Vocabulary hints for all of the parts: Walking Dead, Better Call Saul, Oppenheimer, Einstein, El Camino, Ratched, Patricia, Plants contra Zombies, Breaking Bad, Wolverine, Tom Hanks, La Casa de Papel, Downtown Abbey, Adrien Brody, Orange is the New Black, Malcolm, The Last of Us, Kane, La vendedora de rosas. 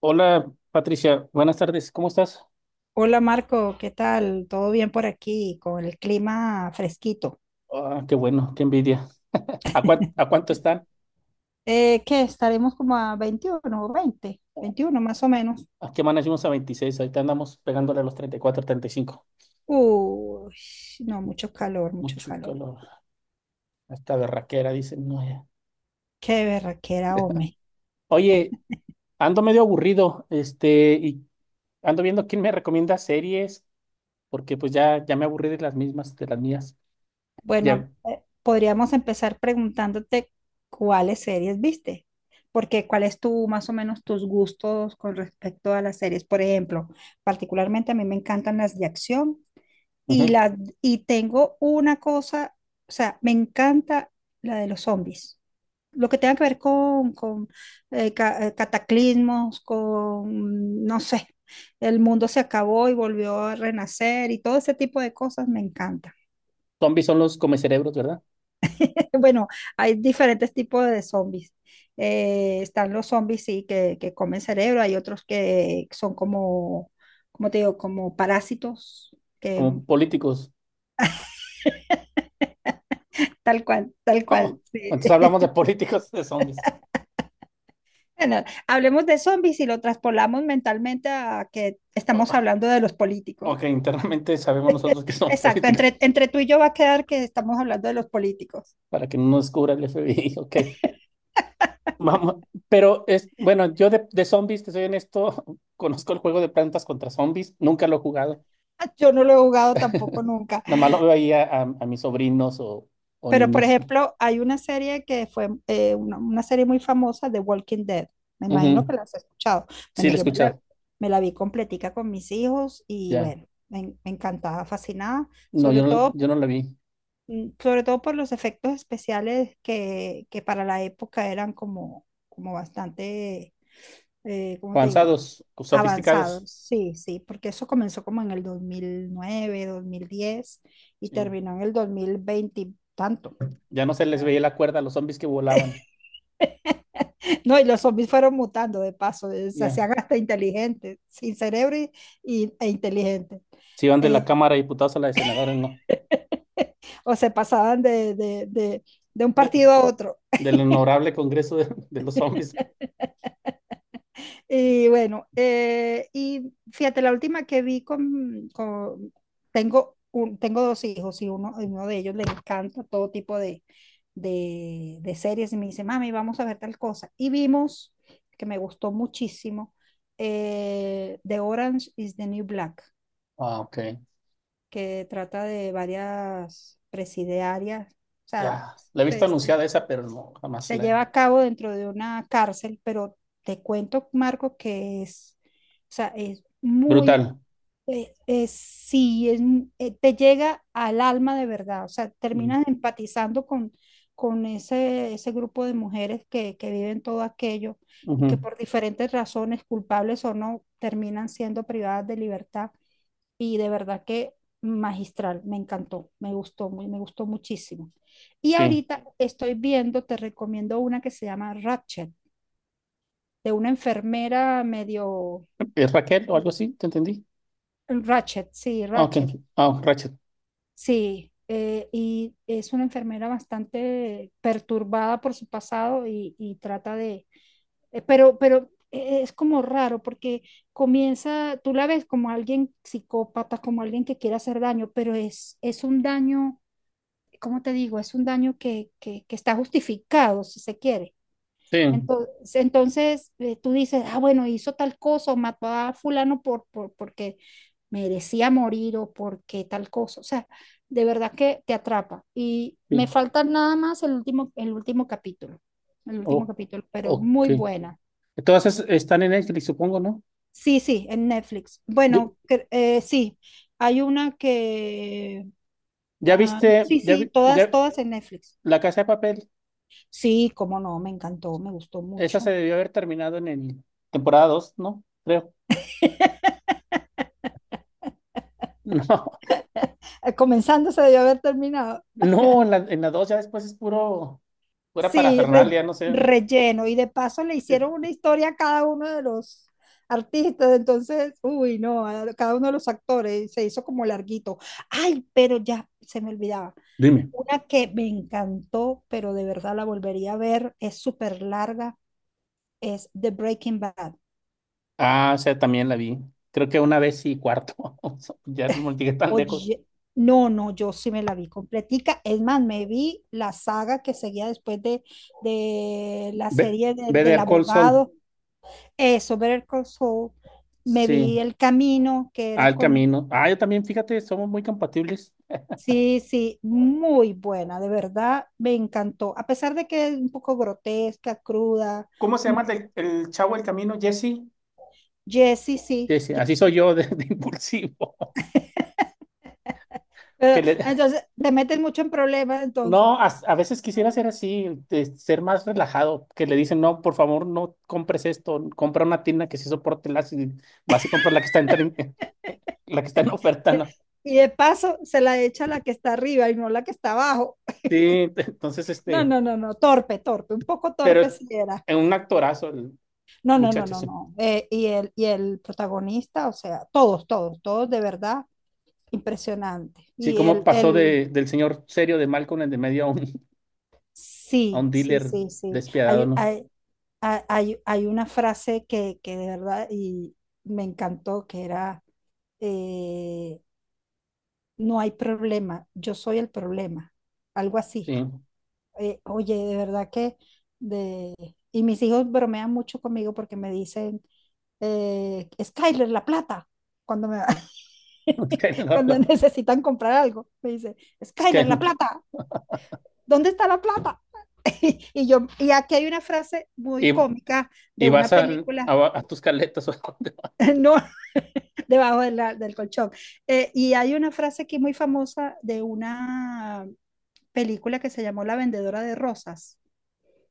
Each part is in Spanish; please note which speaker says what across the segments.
Speaker 1: Hola Patricia, buenas tardes, ¿cómo estás?
Speaker 2: Hola Marco, ¿qué tal? ¿Todo bien por aquí con el clima fresquito?
Speaker 1: Ah, qué bueno, qué envidia. ¿A cuánto están?
Speaker 2: ¿Qué? ¿Estaremos como a 21 o 20? 21 más o menos.
Speaker 1: ¿A qué manejamos a 26? Ahorita andamos pegándole a los 34, 35.
Speaker 2: Uy, no, mucho calor, mucho
Speaker 1: Mucho
Speaker 2: calor.
Speaker 1: calor. Esta berraquera, dicen. No, ya.
Speaker 2: Qué berraquera, hombre.
Speaker 1: Oye, ando medio aburrido, y ando viendo quién me recomienda series, porque pues ya, ya me aburrí de las mismas, de las mías.
Speaker 2: Bueno,
Speaker 1: Ya.
Speaker 2: podríamos empezar preguntándote cuáles series viste, porque cuál es tu, más o menos, tus gustos con respecto a las series. Por ejemplo, particularmente a mí me encantan las de acción. Y,
Speaker 1: Ujú.
Speaker 2: la, y tengo una cosa, o sea, me encanta la de los zombies. Lo que tenga que ver con, con cataclismos, con, no sé, el mundo se acabó y volvió a renacer y todo ese tipo de cosas me encanta.
Speaker 1: Zombies son los comecerebros, ¿verdad?
Speaker 2: Bueno, hay diferentes tipos de zombies. Están los zombies, sí, que comen cerebro, hay otros que son como, como te digo, como parásitos, que
Speaker 1: Como políticos.
Speaker 2: tal cual, tal
Speaker 1: Oh,
Speaker 2: cual. Sí.
Speaker 1: entonces hablamos de políticos, de zombies.
Speaker 2: Bueno, hablemos de zombies y lo traspolamos mentalmente a que estamos
Speaker 1: Oh,
Speaker 2: hablando de los políticos.
Speaker 1: ok, internamente sabemos nosotros que son
Speaker 2: Exacto,
Speaker 1: políticos,
Speaker 2: entre tú y yo va a quedar que estamos hablando de los políticos.
Speaker 1: para que no nos descubra el FBI, ok. Vamos, pero es, bueno, yo de zombies, te soy honesto, conozco el juego de plantas contra zombies, nunca lo he jugado,
Speaker 2: Yo no lo he jugado tampoco nunca,
Speaker 1: nomás lo veo ahí a, a mis sobrinos o
Speaker 2: pero por
Speaker 1: niños.
Speaker 2: ejemplo, hay una serie que fue una serie muy famosa de Walking Dead. Me imagino que
Speaker 1: Ujú.
Speaker 2: la has escuchado.
Speaker 1: Sí, lo
Speaker 2: Bueno,
Speaker 1: he
Speaker 2: yo me la,
Speaker 1: escuchado,
Speaker 2: me la vi completica con mis hijos y
Speaker 1: ya.
Speaker 2: bueno, me encantaba, fascinada,
Speaker 1: No, yo
Speaker 2: sobre
Speaker 1: no,
Speaker 2: todo
Speaker 1: yo no lo vi.
Speaker 2: sobre todo por los efectos especiales que para la época eran como bastante, ¿cómo te digo?
Speaker 1: Avanzados, sofisticados,
Speaker 2: Avanzados, sí, sí, porque eso comenzó como en el 2009, 2010 y
Speaker 1: sí.
Speaker 2: terminó en el 2020 y tanto.
Speaker 1: Ya no
Speaker 2: O
Speaker 1: se les
Speaker 2: sea,
Speaker 1: veía la cuerda a los zombies que volaban,
Speaker 2: no, y los zombies fueron mutando de paso, se
Speaker 1: ya.
Speaker 2: hacían hasta inteligentes, sin cerebro y, e inteligentes,
Speaker 1: Se iban de la
Speaker 2: eh,
Speaker 1: Cámara de Diputados a la de Senadores, no.
Speaker 2: o se pasaban de un
Speaker 1: De-
Speaker 2: partido a otro.
Speaker 1: del honorable Congreso de los Zombies.
Speaker 2: Y bueno, y fíjate, la última que vi tengo dos hijos y uno de ellos le encanta todo tipo de series y me dice, mami, vamos a ver tal cosa. Y vimos, que me gustó muchísimo, The Orange is the New Black,
Speaker 1: Ah, ok.
Speaker 2: que trata de varias presidiarias, o sea,
Speaker 1: Ya, la he visto anunciada esa, pero no, jamás
Speaker 2: se lleva
Speaker 1: la.
Speaker 2: a cabo dentro de una cárcel, pero te cuento, Marco, que es, o sea, es muy,
Speaker 1: Brutal.
Speaker 2: sí, te llega al alma de verdad, o sea,
Speaker 1: Mm,
Speaker 2: terminas empatizando con, con ese grupo de mujeres que viven todo aquello y que
Speaker 1: ujú.
Speaker 2: por diferentes razones, culpables o no, terminan siendo privadas de libertad y de verdad que magistral, me encantó, me gustó, me gustó muchísimo. Y
Speaker 1: Sí.
Speaker 2: ahorita estoy viendo, te recomiendo una que se llama Ratched, de una enfermera medio...
Speaker 1: ¿Es Raquel o algo así? ¿Te entendí?
Speaker 2: Ratched sí,
Speaker 1: Ah, ok.
Speaker 2: Ratched
Speaker 1: Ah, Rachel.
Speaker 2: sí. Y es una enfermera bastante perturbada por su pasado y trata de... Pero, es como raro porque comienza, tú la ves como alguien psicópata, como alguien que quiere hacer daño, pero es, un daño como te digo, es un daño que está justificado, si se quiere.
Speaker 1: Sí,
Speaker 2: Entonces, tú dices, ah, bueno, hizo tal cosa o mató a fulano porque merecía morir o porque tal cosa. O sea, de verdad que te atrapa. Y
Speaker 1: sí.
Speaker 2: me falta nada más el último capítulo, el último
Speaker 1: Oh,
Speaker 2: capítulo, pero
Speaker 1: ok.
Speaker 2: muy buena.
Speaker 1: Todas esas están en Netflix, supongo, ¿no?
Speaker 2: Sí, sí, en Netflix.
Speaker 1: Ye-
Speaker 2: Bueno, sí, hay una que...
Speaker 1: ¿Ya,
Speaker 2: ah,
Speaker 1: viste,
Speaker 2: sí,
Speaker 1: ya,
Speaker 2: sí,
Speaker 1: vi-
Speaker 2: todas,
Speaker 1: ya,
Speaker 2: todas en Netflix.
Speaker 1: La Casa de Papel?
Speaker 2: Sí, cómo no, me encantó, me gustó
Speaker 1: Esa se
Speaker 2: mucho.
Speaker 1: debió haber terminado en el temporada 2, ¿no? Creo.
Speaker 2: Comenzando se debió haber terminado.
Speaker 1: No, no, en la 2 ya después es puro, pura
Speaker 2: Sí,
Speaker 1: parafernalia, no sé.
Speaker 2: relleno. Y de paso le
Speaker 1: Es-
Speaker 2: hicieron una historia a cada uno de los artistas. Entonces, uy, no, a cada uno de los actores se hizo como larguito. Ay, pero ya se me olvidaba.
Speaker 1: Dime.
Speaker 2: Una que me encantó, pero de verdad la volvería a ver, es súper larga, es The Breaking Bad.
Speaker 1: Ah, o sea, también la vi. Creo que una vez y cuarto. Ya no llegué tan lejos.
Speaker 2: Oye, no, no, yo sí me la vi completica. Es más, me vi la saga que seguía después de la
Speaker 1: Ve,
Speaker 2: serie del
Speaker 1: Better Call Saul.
Speaker 2: abogado, eso, Better Call Saul. Me vi
Speaker 1: Sí,
Speaker 2: El Camino, que era
Speaker 1: al
Speaker 2: con...
Speaker 1: camino. Ah, yo también, fíjate, somos muy compatibles.
Speaker 2: Sí, sí, muy buena, de verdad, me encantó. A pesar de que es un poco grotesca, cruda,
Speaker 1: ¿Cómo se llama el,
Speaker 2: como
Speaker 1: el chavo del camino, Jesse?
Speaker 2: Jesse, sí,
Speaker 1: Sí, sí, así soy
Speaker 2: Jesse.
Speaker 1: yo de impulsivo. Que
Speaker 2: Pero,
Speaker 1: le,
Speaker 2: entonces, te metes mucho en problemas, entonces.
Speaker 1: no, a veces quisiera ser así, de ser más relajado, que le dicen, no, por favor, no compres esto, compra una tienda que sí soporte el ácido, y vas y compras la que está la que está en oferta, ¿no?
Speaker 2: Y de paso se la echa a la que está arriba y no la que está abajo.
Speaker 1: Sí, entonces,
Speaker 2: No, no, no, no, torpe, torpe, un poco
Speaker 1: pero
Speaker 2: torpe
Speaker 1: es
Speaker 2: si era.
Speaker 1: es un actorazo el
Speaker 2: No, no, no,
Speaker 1: muchacho,
Speaker 2: no,
Speaker 1: sí.
Speaker 2: no. Y el protagonista, o sea, todos, todos, todos de verdad, impresionante.
Speaker 1: Sí,
Speaker 2: Y
Speaker 1: cómo
Speaker 2: el,
Speaker 1: pasó
Speaker 2: el
Speaker 1: del señor serio de Malcolm en de medio a un, a
Speaker 2: sí,
Speaker 1: un
Speaker 2: sí,
Speaker 1: dealer
Speaker 2: sí, sí.
Speaker 1: despiadado,
Speaker 2: Hay,
Speaker 1: ¿no?
Speaker 2: hay, hay, hay hay una frase que de verdad y me encantó, que era, eh, no hay problema, yo soy el problema, algo así.
Speaker 1: Sí.
Speaker 2: Oye, de verdad que de... Y mis hijos bromean mucho conmigo porque me dicen, Skyler, la plata, cuando me
Speaker 1: Es que, no,
Speaker 2: cuando necesitan comprar algo, me dice,
Speaker 1: es que
Speaker 2: Skyler, la
Speaker 1: no.
Speaker 2: plata, ¿dónde está la plata? Y aquí hay una frase muy
Speaker 1: Y,
Speaker 2: cómica
Speaker 1: y
Speaker 2: de una
Speaker 1: vas al-
Speaker 2: película,
Speaker 1: a, a tus caletas o a dónde.
Speaker 2: no, debajo de del colchón. Y hay una frase aquí muy famosa de una película que se llamó La vendedora de rosas,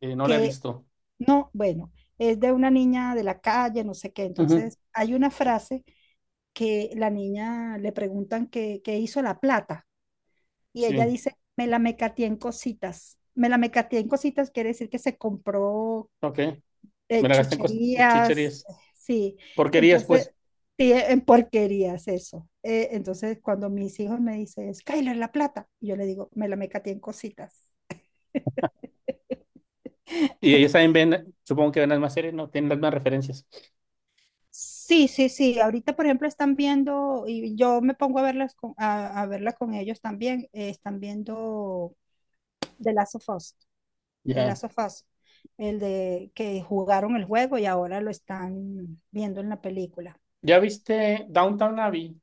Speaker 1: No la he
Speaker 2: que
Speaker 1: visto.
Speaker 2: no, bueno, es de una niña de la calle, no sé qué.
Speaker 1: Ujú.
Speaker 2: Entonces, hay una frase que la niña le preguntan que hizo la plata y ella
Speaker 1: Sí,
Speaker 2: dice, me la mecateé en cositas. Me la mecateé en cositas quiere decir que se compró
Speaker 1: ok. Me la gasté en
Speaker 2: chucherías,
Speaker 1: chucherías.
Speaker 2: sí.
Speaker 1: Porquerías,
Speaker 2: Entonces,
Speaker 1: pues.
Speaker 2: sí, en porquerías eso. Entonces, cuando mis hijos me dicen, Skyler, la plata, yo le digo, me la mecateé en cositas.
Speaker 1: Y ellos saben, ven, supongo que ven las más series, ¿no? Tienen las más referencias.
Speaker 2: Sí, sí, sí. Ahorita, por ejemplo, están viendo, y yo me pongo a verlas con, a verla con ellos también, están viendo The Last of Us, The
Speaker 1: Ya.
Speaker 2: Last of Us, el de que jugaron el juego y ahora lo están viendo en la película.
Speaker 1: ¿Ya viste Downtown Abbey?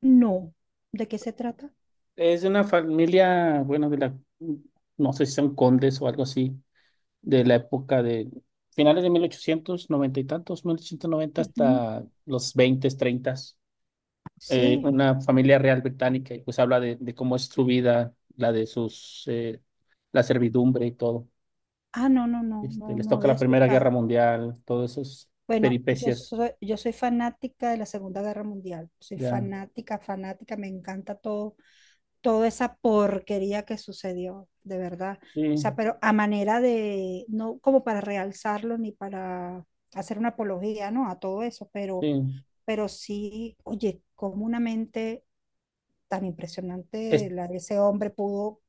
Speaker 2: No. ¿De qué se trata?
Speaker 1: Es de una familia, bueno, de la, no sé si son condes o algo así, de la época de finales de 1890 y tantos, 1890
Speaker 2: Ujú.
Speaker 1: hasta los 20 30.
Speaker 2: Sí.
Speaker 1: Una familia real británica y pues habla de cómo es su vida, la de sus, la servidumbre y todo.
Speaker 2: Ah, no, no, no, no,
Speaker 1: Les
Speaker 2: no
Speaker 1: toca
Speaker 2: había
Speaker 1: la Primera Guerra
Speaker 2: escuchado.
Speaker 1: Mundial, todas esas
Speaker 2: Bueno, yo
Speaker 1: peripecias,
Speaker 2: soy, yo soy fanática de la Segunda Guerra Mundial. Soy
Speaker 1: ya.
Speaker 2: fanática, fanática, me encanta todo toda esa porquería que sucedió, de verdad. O sea,
Speaker 1: Sí,
Speaker 2: pero a manera de, no como para realzarlo ni para hacer una apología, ¿no? A todo eso, pero,
Speaker 1: sí.
Speaker 2: pero sí, oye, como una mente tan
Speaker 1: Es-
Speaker 2: impresionante la de ese hombre pudo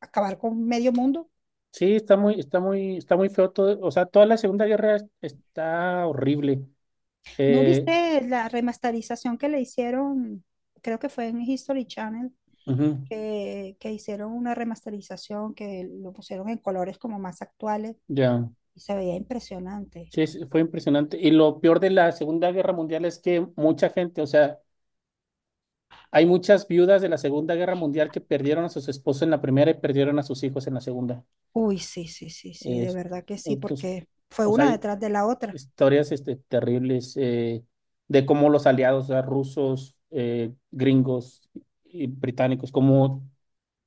Speaker 2: acabar con medio mundo.
Speaker 1: Sí, está muy, está muy, está muy feo todo. O sea, toda la Segunda Guerra está horrible.
Speaker 2: ¿No
Speaker 1: Eh,
Speaker 2: viste la remasterización que le hicieron? Creo que fue en History Channel,
Speaker 1: Ujú,
Speaker 2: que hicieron una remasterización que lo pusieron en colores como más actuales.
Speaker 1: ya,
Speaker 2: Y se veía impresionante.
Speaker 1: sí, fue impresionante. Y lo peor de la Segunda Guerra Mundial es que mucha gente, o sea, hay muchas viudas de la Segunda Guerra Mundial que perdieron a sus esposos en la primera y perdieron a sus hijos en la segunda.
Speaker 2: Uy, sí, sí, sí, sí,
Speaker 1: Eh,
Speaker 2: de verdad que sí,
Speaker 1: entonces,
Speaker 2: porque fue
Speaker 1: o sea,
Speaker 2: una
Speaker 1: hay
Speaker 2: detrás de la otra.
Speaker 1: historias terribles, de cómo los aliados, o sea, rusos, gringos y británicos, como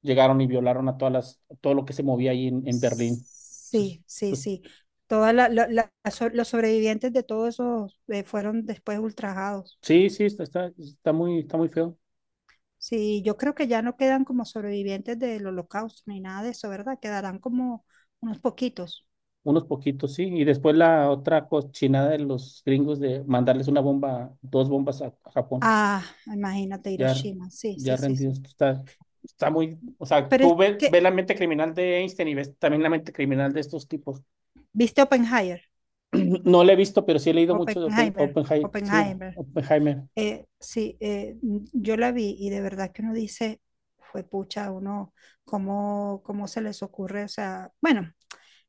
Speaker 1: llegaron y violaron a todas las, todo lo que se movía ahí en Berlín. Entonces,
Speaker 2: Sí, sí,
Speaker 1: pues,
Speaker 2: sí. Todas la- la- la- so- los sobrevivientes de todos esos fueron después ultrajados.
Speaker 1: sí, sí, está, está, está muy feo.
Speaker 2: Sí, yo creo que ya no quedan como sobrevivientes del holocausto ni nada de eso, ¿verdad? Quedarán como unos poquitos.
Speaker 1: Unos poquitos, sí. Y después la otra cochinada de los gringos de mandarles una bomba, dos bombas a Japón,
Speaker 2: Ah, imagínate
Speaker 1: ya,
Speaker 2: Hiroshima. Sí,
Speaker 1: ya
Speaker 2: sí, sí,
Speaker 1: rendidos.
Speaker 2: sí.
Speaker 1: Está, está muy, o sea,
Speaker 2: Pero
Speaker 1: tú
Speaker 2: es
Speaker 1: ves, ves
Speaker 2: que,
Speaker 1: la mente criminal de Einstein y ves también la mente criminal de estos tipos.
Speaker 2: ¿viste Oppenheimer?
Speaker 1: No la he visto, pero sí he leído mucho de
Speaker 2: Oppenheimer,
Speaker 1: Sí,
Speaker 2: Oppenheimer.
Speaker 1: Oppenheimer.
Speaker 2: Sí, yo la vi y de verdad que uno dice, fue pucha, uno, ¿cómo se les ocurre? O sea, bueno,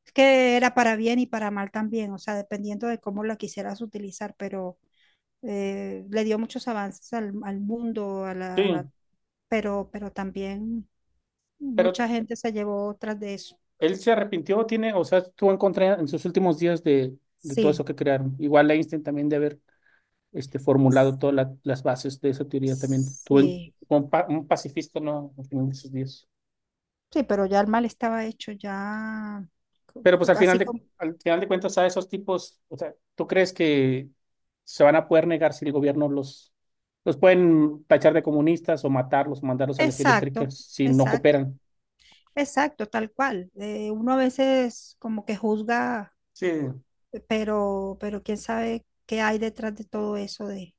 Speaker 2: es que era para bien y para mal también, o sea, dependiendo de cómo la quisieras utilizar, pero le dio muchos avances al mundo,
Speaker 1: Sí,
Speaker 2: pero también
Speaker 1: pero
Speaker 2: mucha gente se llevó otras de eso.
Speaker 1: él se arrepintió, tiene, o sea, estuvo en contra en sus últimos días de todo eso
Speaker 2: Sí,
Speaker 1: que crearon. Igual Einstein también de haber formulado todas las bases de esa teoría también. Estuvo
Speaker 2: sí,
Speaker 1: fue un pacifista, ¿no? Al final de sus días.
Speaker 2: sí, pero ya el mal estaba hecho, ya, co-
Speaker 1: Pero pues al final
Speaker 2: así
Speaker 1: de,
Speaker 2: como...
Speaker 1: al final de cuentas, a esos tipos, o sea, ¿tú crees que se van a poder negar si el gobierno los pueden tachar de comunistas o matarlos o mandarlos a las
Speaker 2: Exacto,
Speaker 1: eléctricas si no
Speaker 2: exacto,
Speaker 1: cooperan?
Speaker 2: exacto, tal cual. Uno a veces como que juzga,
Speaker 1: Sí.
Speaker 2: pero quién sabe qué hay detrás de todo eso de,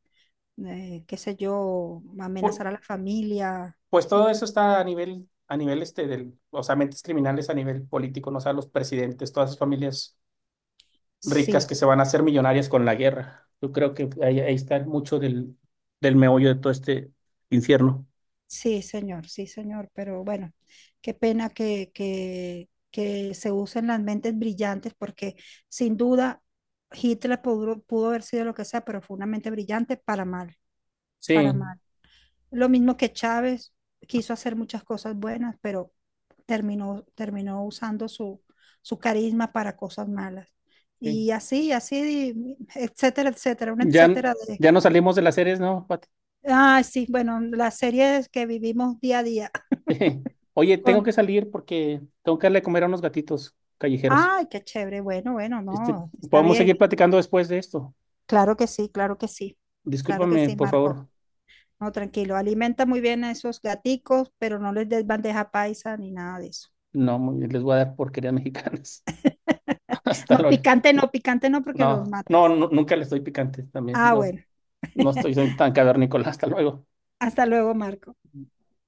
Speaker 2: eh, qué sé yo,
Speaker 1: Pu-
Speaker 2: amenazar a la familia.
Speaker 1: Pues todo eso está a nivel del, o sea, mentes criminales a nivel político, ¿no? O sea, los presidentes, todas esas familias ricas
Speaker 2: Sí,
Speaker 1: que se van a hacer millonarias con la guerra. Yo creo que ahí está mucho del meollo de todo este infierno.
Speaker 2: sí, señor, pero bueno, qué pena que se usen las mentes brillantes porque sin duda Hitler pudo haber sido lo que sea, pero fue una mente brillante para mal, para
Speaker 1: Sí,
Speaker 2: mal. Lo mismo que Chávez quiso hacer muchas cosas buenas, pero terminó usando su carisma para cosas malas.
Speaker 1: sí.
Speaker 2: Y así, así, etcétera, etcétera, una
Speaker 1: Ya,
Speaker 2: etcétera de...
Speaker 1: ya nos salimos de las series, ¿no, Pati?
Speaker 2: Ay, sí, bueno, las series que vivimos día a día.
Speaker 1: Oye, tengo
Speaker 2: Con...
Speaker 1: que salir porque tengo que darle de comer a unos gatitos callejeros.
Speaker 2: Ay, qué chévere, bueno, bueno,
Speaker 1: Este,
Speaker 2: no, está
Speaker 1: Podemos seguir
Speaker 2: bien.
Speaker 1: platicando después de esto.
Speaker 2: Claro que sí, claro que sí, claro que
Speaker 1: Discúlpame,
Speaker 2: sí,
Speaker 1: por favor.
Speaker 2: Marco. No, tranquilo, alimenta muy bien a esos gaticos, pero no les des bandeja paisa ni nada de eso.
Speaker 1: No, muy bien, les voy a dar porquerías mexicanas. Hasta
Speaker 2: No,
Speaker 1: luego.
Speaker 2: picante no, picante no, porque los
Speaker 1: No, no,
Speaker 2: matas.
Speaker 1: nunca le estoy picante también.
Speaker 2: Ah,
Speaker 1: No,
Speaker 2: bueno.
Speaker 1: no estoy soy tan cavernícola. Hasta luego.
Speaker 2: Hasta luego, Marco.